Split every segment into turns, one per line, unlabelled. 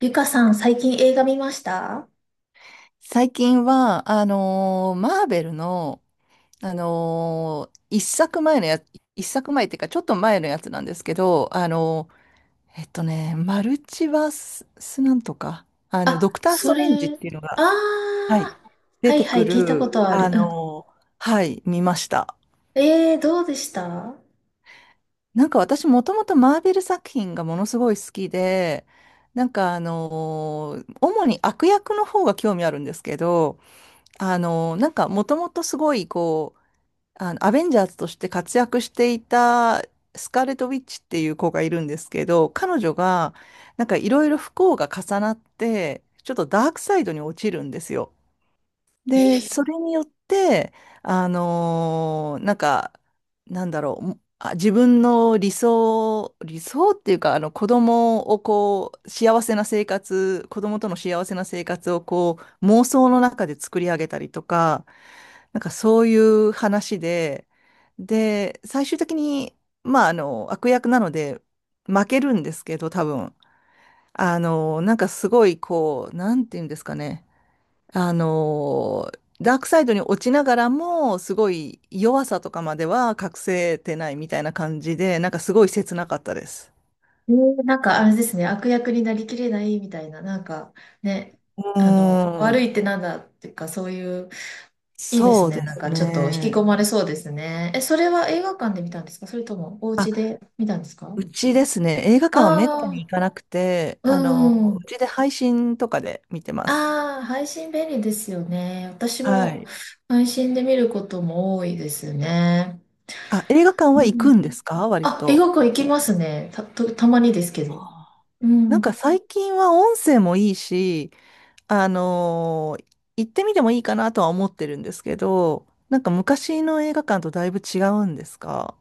ゆかさん、最近映画見ました？
最近は、マーベルの、あのー一作前のや、一作前っていうか、ちょっと前のやつなんですけど、マルチバス、スなんとか、
あ、
ドクター・ス
そ
トレンジっ
れ、
ていうのが、
あ
はい、
あ、
出
はい
て
は
く
い、聞いたこ
る、
とある。うん。
はい、見ました。
どうでした？
なんか私、もともとマーベル作品がものすごい好きで、なんか主に悪役の方が興味あるんですけど、なんかもともとすごいこう、アベンジャーズとして活躍していたスカーレット・ウィッチっていう子がいるんですけど、彼女がなんかいろいろ不幸が重なって、ちょっとダークサイドに落ちるんですよ。
え
で、そ
ー
れによって、なんか、なんだろう、自分の理想、理想っていうか、あの子供をこう、幸せな生活、子供との幸せな生活をこう、妄想の中で作り上げたりとか、なんかそういう話で、で、最終的に、まあ、悪役なので、負けるんですけど、多分。なんかすごい、こう、なんていうんですかね。あの、ダークサイドに落ちながらも、すごい弱さとかまでは隠せてないみたいな感じで、なんかすごい切なかったです。
なんかあれですね、悪役になりきれないみたいな、なんかね、
うー
悪
ん、
いってなんだっていうか、そういう、いいで
そ
す
う
ね、
で
なん
す
かちょっと引き込
ね。
まれそうですね。え、それは映画館で見たんですか、それともお家
あ、
で見たんですか？
うちですね、映画館はめった
あ
に行
あ
かなくて、
ー、うん。
うちで配信とかで見てます。
ああ、配信便利ですよね。私
は
も
い。
配信で見ることも多いですね。
あ、映画館
う
は行
ん。
くんですか割
あ、映
と？
画館行きますね。たまにですけ
は
ど。
あ。
う
なん
ん。
か最近は音声もいいし、あのー行ってみてもいいかなとは思ってるんですけど、なんか昔の映画館とだいぶ違うんですか？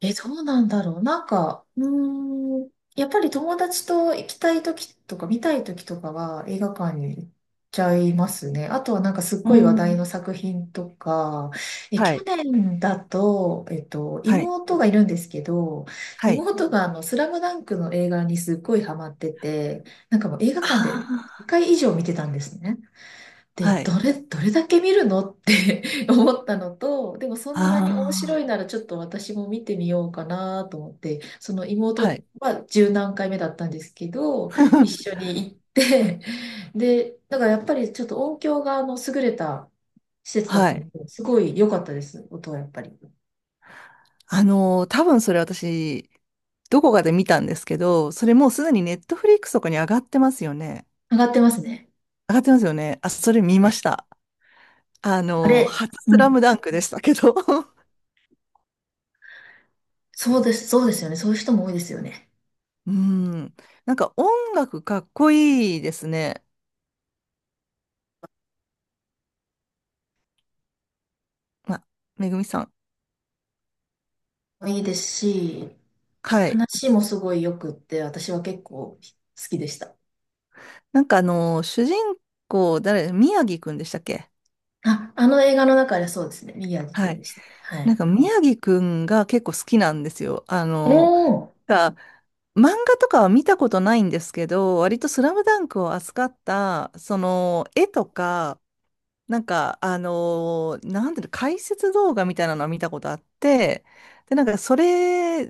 え、どうなんだろう。なんか、うーん、やっぱり友達と行きたい時とか見たい時とかは映画館に行っちゃいますね。あとはなんかすっ
う
ごい話題
ん。
の作品とか、え、
は
去
い。
年だと、
はい。
妹がいるんですけど、
はい。
妹がスラムダンクの映画にすっごいハマってて、なんかもう映画館で
あ
1回以上見てたんですね。
あ、
で、
はい。
どれだけ見るのって 思ったのと、でもそんなに面白
あ
いならちょっと私も見てみようかなと思って、その
あ。は
妹
い。
は十何回目だったんですけど、一緒 に行って、で、だからやっぱりちょっと音響が優れた施設だっ
は
た
い。
ので、すごい良かったです、音はやっぱり。
多分それ私、どこかで見たんですけど、それもうすでにネットフリックスとかに上がってますよね。
上がってますね。
上がってますよね。あ、それ見ました。
あれ、
初
う
スラ
ん。
ムダンクでしたけど。
そうです、そうですよね。そういう人も多いですよね。
うん。なんか音楽かっこいいですね。あ、めぐみさん。
いいですし、
はい。
話もすごい良くって、私は結構好きでした。
なんか主人公、誰、宮城くんでしたっけ？
あ、あの映画の中でそうですね。宮城く
は
ん
い。
でしたね。は
なん
い。
か宮城くんが結構好きなんですよ。
おー、
が漫画とかは見たことないんですけど、割とスラムダンクを扱った、その、絵とか、なんか、なんていうの、解説動画みたいなのは見たことあって、で、なんか、それ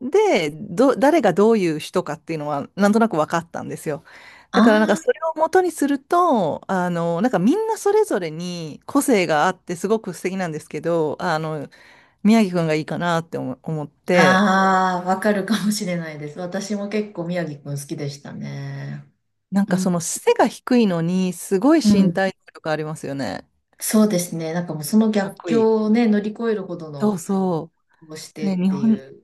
で、誰がどういう人かっていうのは、なんとなく分かったんですよ。だから、なんか、そ
あ
れを元にすると、なんか、みんなそれぞれに個性があって、すごく素敵なんですけど、宮城くんがいいかなって思って、
あ、ああ、わかるかもしれないです。私も結構宮城くん好きでしたね。
なん
う
か、
ん。
その、背が低いのに、すごい
う
身
ん。
体能力ありますよね。
そうですね。なんかもうその
かっ
逆
こい
境
い。
をね、乗り越えるほど
そう
の
そ
をし
う。
て
ね、
っていう。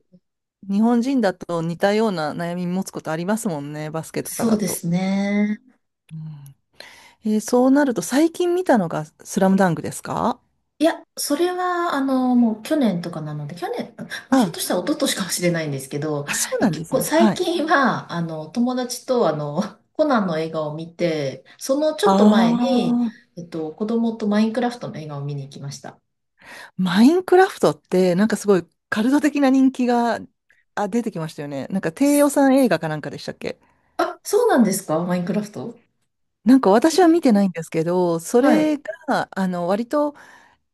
日本人だと似たような悩み持つことありますもんね、バスケとか
そう
だ
で
と。
すね。
うん、そうなると最近見たのがスラムダンクですか？
いや、それは、もう去年とかなので、去年、もうひょっと
あ、
したら一昨年かもしれないんですけど、
あ、そう
え、
なんで
結
す
構
ね。
最
はい。
近は、友達と、コナンの映画を見て、そのちょ
あ
っと前に、
あ、
子供とマインクラフトの映画を見に行きました。
マインクラフトってなんかすごいカルト的な人気が、あ、出てきましたよね。なんか低予算映画かなんかでしたっけ？
あ、そうなんですか、マインクラフト？
なんか
え
私は見
ー。
てないんですけど、そ
はい。
れが、割と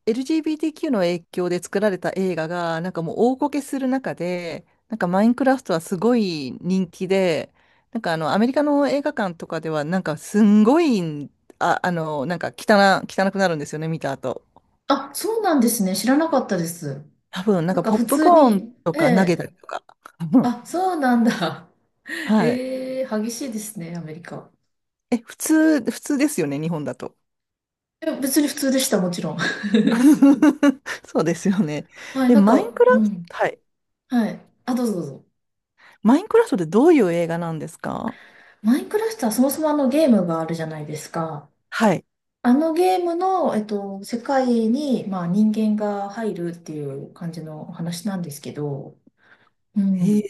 LGBTQ の影響で作られた映画が、なんかもう大こけする中で、なんかマインクラフトはすごい人気で、なんかアメリカの映画館とかでは、なんかすんごい、あ、なんか汚くなるんですよね、見た後。
あ、そうなんですね。知らなかったです。
多分、なん
なん
か
か
ポッ
普
プ
通
コーン
に、
と
え
か投げ
え。
たりとか。う
あ、
ん。
そうなんだ。
はい。
ええ激しいですね、アメリカ。
え、普通ですよね、日本だと。
いや別に普通でした、もちろん。
そうですよね。
はい、
え、
なん
マイ
か、
ンク
う
ラフト、
ん。
はい。
はい。あ、どうぞどうぞ。
マインクラフトってどういう映画なんですか？
マインクラフトはそもそもあのゲームがあるじゃないですか。
はい。
あのゲームの、世界に、まあ、人間が入るっていう感じの話なんですけど、う
へ
ん。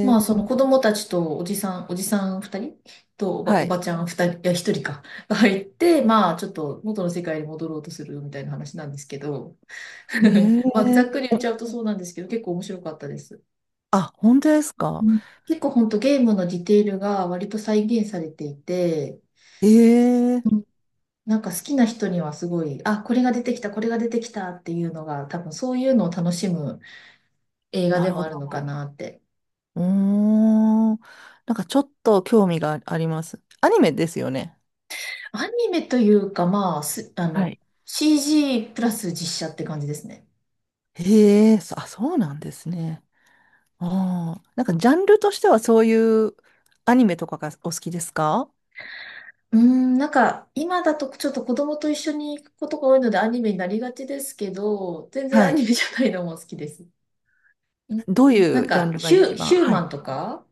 ま
え。
あ、その子供たちとおじさん二人とおば、
は
お
い。
ばちゃん二人、いや、一人か、が入って、まあ、ちょっと元の世界に戻ろうとするみたいな話なんですけど、
え
まあ、ざっ
え、
くり言っち
お、
ゃうとそうなんですけど、結構面白かったです。
あ、本当です
う
か。
ん、結構本当ゲームのディテールが割と再現されていて、
え
う
え、
ん、なんか好きな人にはすごい、あ、これが出てきた、これが出てきたっていうのが、多分そういうのを楽しむ映画
な
で
る
も
ほ
あ
ど。
るのかなって。
うーん。なんかちょっと興味があります。アニメですよね。
アニメというか、まあ、す、あ
は
の、
い。
CG プラス実写って感じですね。
ええ、そうなんですね。ああ、なんかジャンルとしてはそういうアニメとかがお好きですか？
うーん、なんか今だとちょっと子供と一緒に行くことが多いのでアニメになりがちですけど、全然
は
アニ
い。
メじゃないのも好きです。うん。
どうい
なん
うジャン
か
ルが
ヒュ、
一番？
ヒュー
は
マ
い。
ンとか、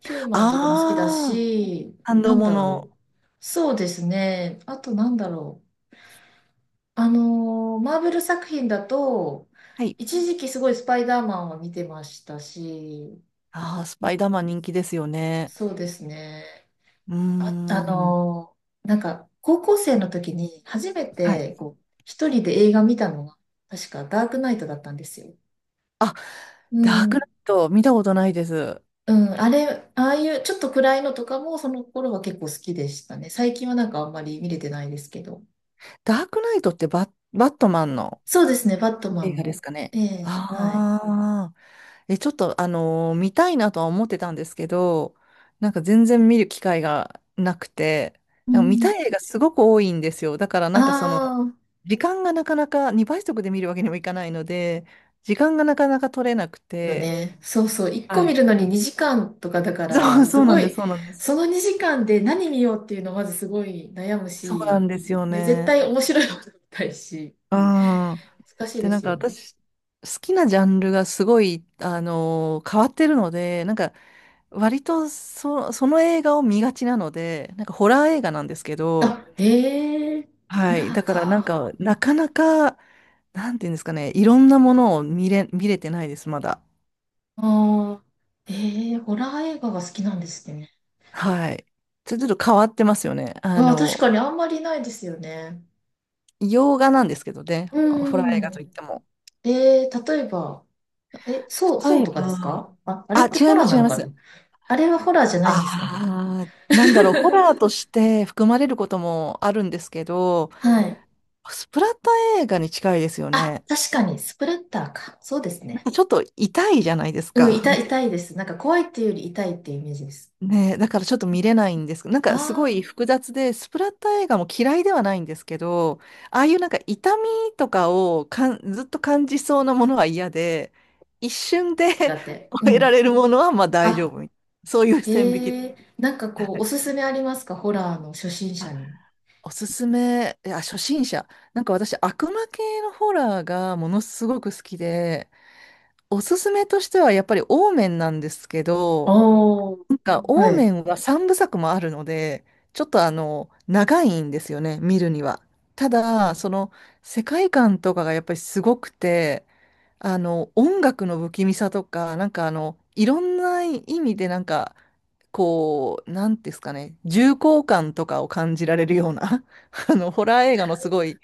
ヒューマンとかも好きだ
ああ、
し、
感
な
動
ん
も
だ
の。
ろう。そうですね。あとなんだろう。マーベル作品だと、
はい。
一時期すごいスパイダーマンを見てましたし、
ああ、ス
う
パ
ん、
イダーマン人気ですよね。
そうですね。
うー
あ、
ん。
なんか高校生の時に初め
はい。
てこう一人で映画見たのが、確かダークナイトだったんですよ。
あ、
う
ダーク
ん。
ナイト、見たことないです。
うん、あれ、ああいうちょっと暗いのとかもその頃は結構好きでしたね。最近はなんかあんまり見れてないですけど。
ダークナイトってバットマンの
そうですね、バットマ
映
ン
画で
も。
すかね。
ええ、はい。
ああ、え、ちょっと、見たいなとは思ってたんですけど、なんか全然見る機会がなくて、
う
なんか見
ん。
たい映画すごく多いんですよ。だから
あ
なんかその、
あ、
時間がなかなか2倍速で見るわけにもいかないので、時間がなかなか取れなく
よ
て、
ね。そうそう、1個
は
見
い。
るのに2時間とかだか
そ
ら、
う、
す
そうな
ご
んで
い、
す、そうなんです。
その2時間で何見ようっていうのまずすごい悩む
そうなん
し、
ですよ
で、絶
ね。
対面白いもの見たいし、
うん。
難しい
で、
で
なん
す
か
よね。
私、好きなジャンルがすごい、変わってるので、なんか、割とその映画を見がちなので、なんかホラー映画なんですけど、
あ、へえ、ホ
は
ラ
い。だ
ー
からなん
か。
か、なかなか、なんていうんですかね、いろんなものを見れてないです、まだ。
ああ、ええ、ホラー映画が好きなんですね。
はい。ちょっと変わってますよね。
うわ、確かにあんまりないですよね。
洋画なんですけどね、
う
ホラー映画と
ん。
いっても。
えー、例えば、え、そう、そう
例え
とかです
ば、
か？あ、あれ
あ、
ってホ
違い
ラ
ま
ー
す、
な
違い
の
ま
かな？
す。
あれはホラーじゃないんですかね？
ああ、なんだろう、ホ ラーとして含まれることもあるんですけど、
はい。
スプラッタ映画に近いですよ
あ、
ね。
確かに、スプレッターか。そうです
なん
ね。
かちょっと痛いじゃないです
うん、
か。
痛い、痛 いです。なんか怖いっていうより痛いっていうイメージです。
ねえ、だからちょっと見れないんですけど、なんかすご
あ
い複雑で、スプラッタ映画も嫌いではないんですけど、ああいうなんか痛みとかをずっと感じそうなものは嫌で、一瞬で
ー、だ って。う
終えら
ん。
れるものはまあ大丈
あ、
夫みたいな。そういう線引き。
なんか
は
こう、お
い。
すすめありますか、ホラーの初心者に？
おすすめ、いや、初心者。なんか私、悪魔系のホラーがものすごく好きで、おすすめとしてはやっぱりオーメンなんですけど、
おー、
なんかオー
は
メ
い。
ンは3部作もあるので、ちょっと長いんですよね、見るには。ただ、その、世界観とかがやっぱりすごくて、音楽の不気味さとか、なんかいろんな意味でなんか、こう、なんですかね、重厚感とかを感じられるような、ホラー映画のすごい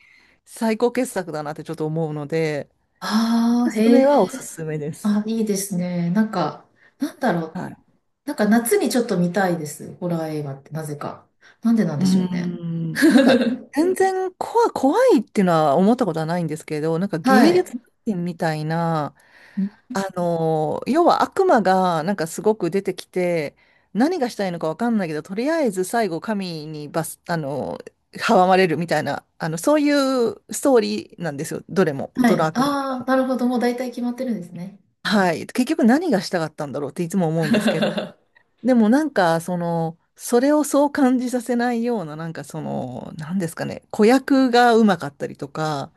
最高傑作だなってちょっと思うので、
ああ、
そ
へ
れはおす
え。
すめです。
あ、いいですね。なんか、なんだろう。
はい。
なんか夏にちょっと見たいです。ホラー映画って、なぜか。なんでなん
う
で
ー
しょうね。
ん、なんか、全然怖、怖いっていうのは思ったことはないんですけど、なんか
は
芸術
い。
品みたいな、
ん
要は悪魔がなんかすごく出てきて、何がしたいのかわかんないけど、とりあえず最後神にバス、あのー阻まれるみたいな、そういうストーリーなんですよ、どれも、
は
どの
い。
悪魔映画
ああ、
も。
なるほど。もう大体決まってるんですね。
はい、結局何がしたかったんだろうっていつも思うんですけど、 でもなんかその、それをそう感じさせないような、なんかその、何ですかね、子役がうまかったりとか、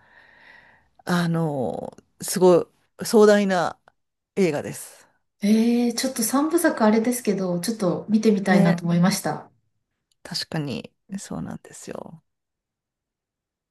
すごい壮大な映画です。
ええ、ちょっと三部作あれですけど、ちょっと見てみたいな
ね。
と思いました。
確かに、そうなんですよ。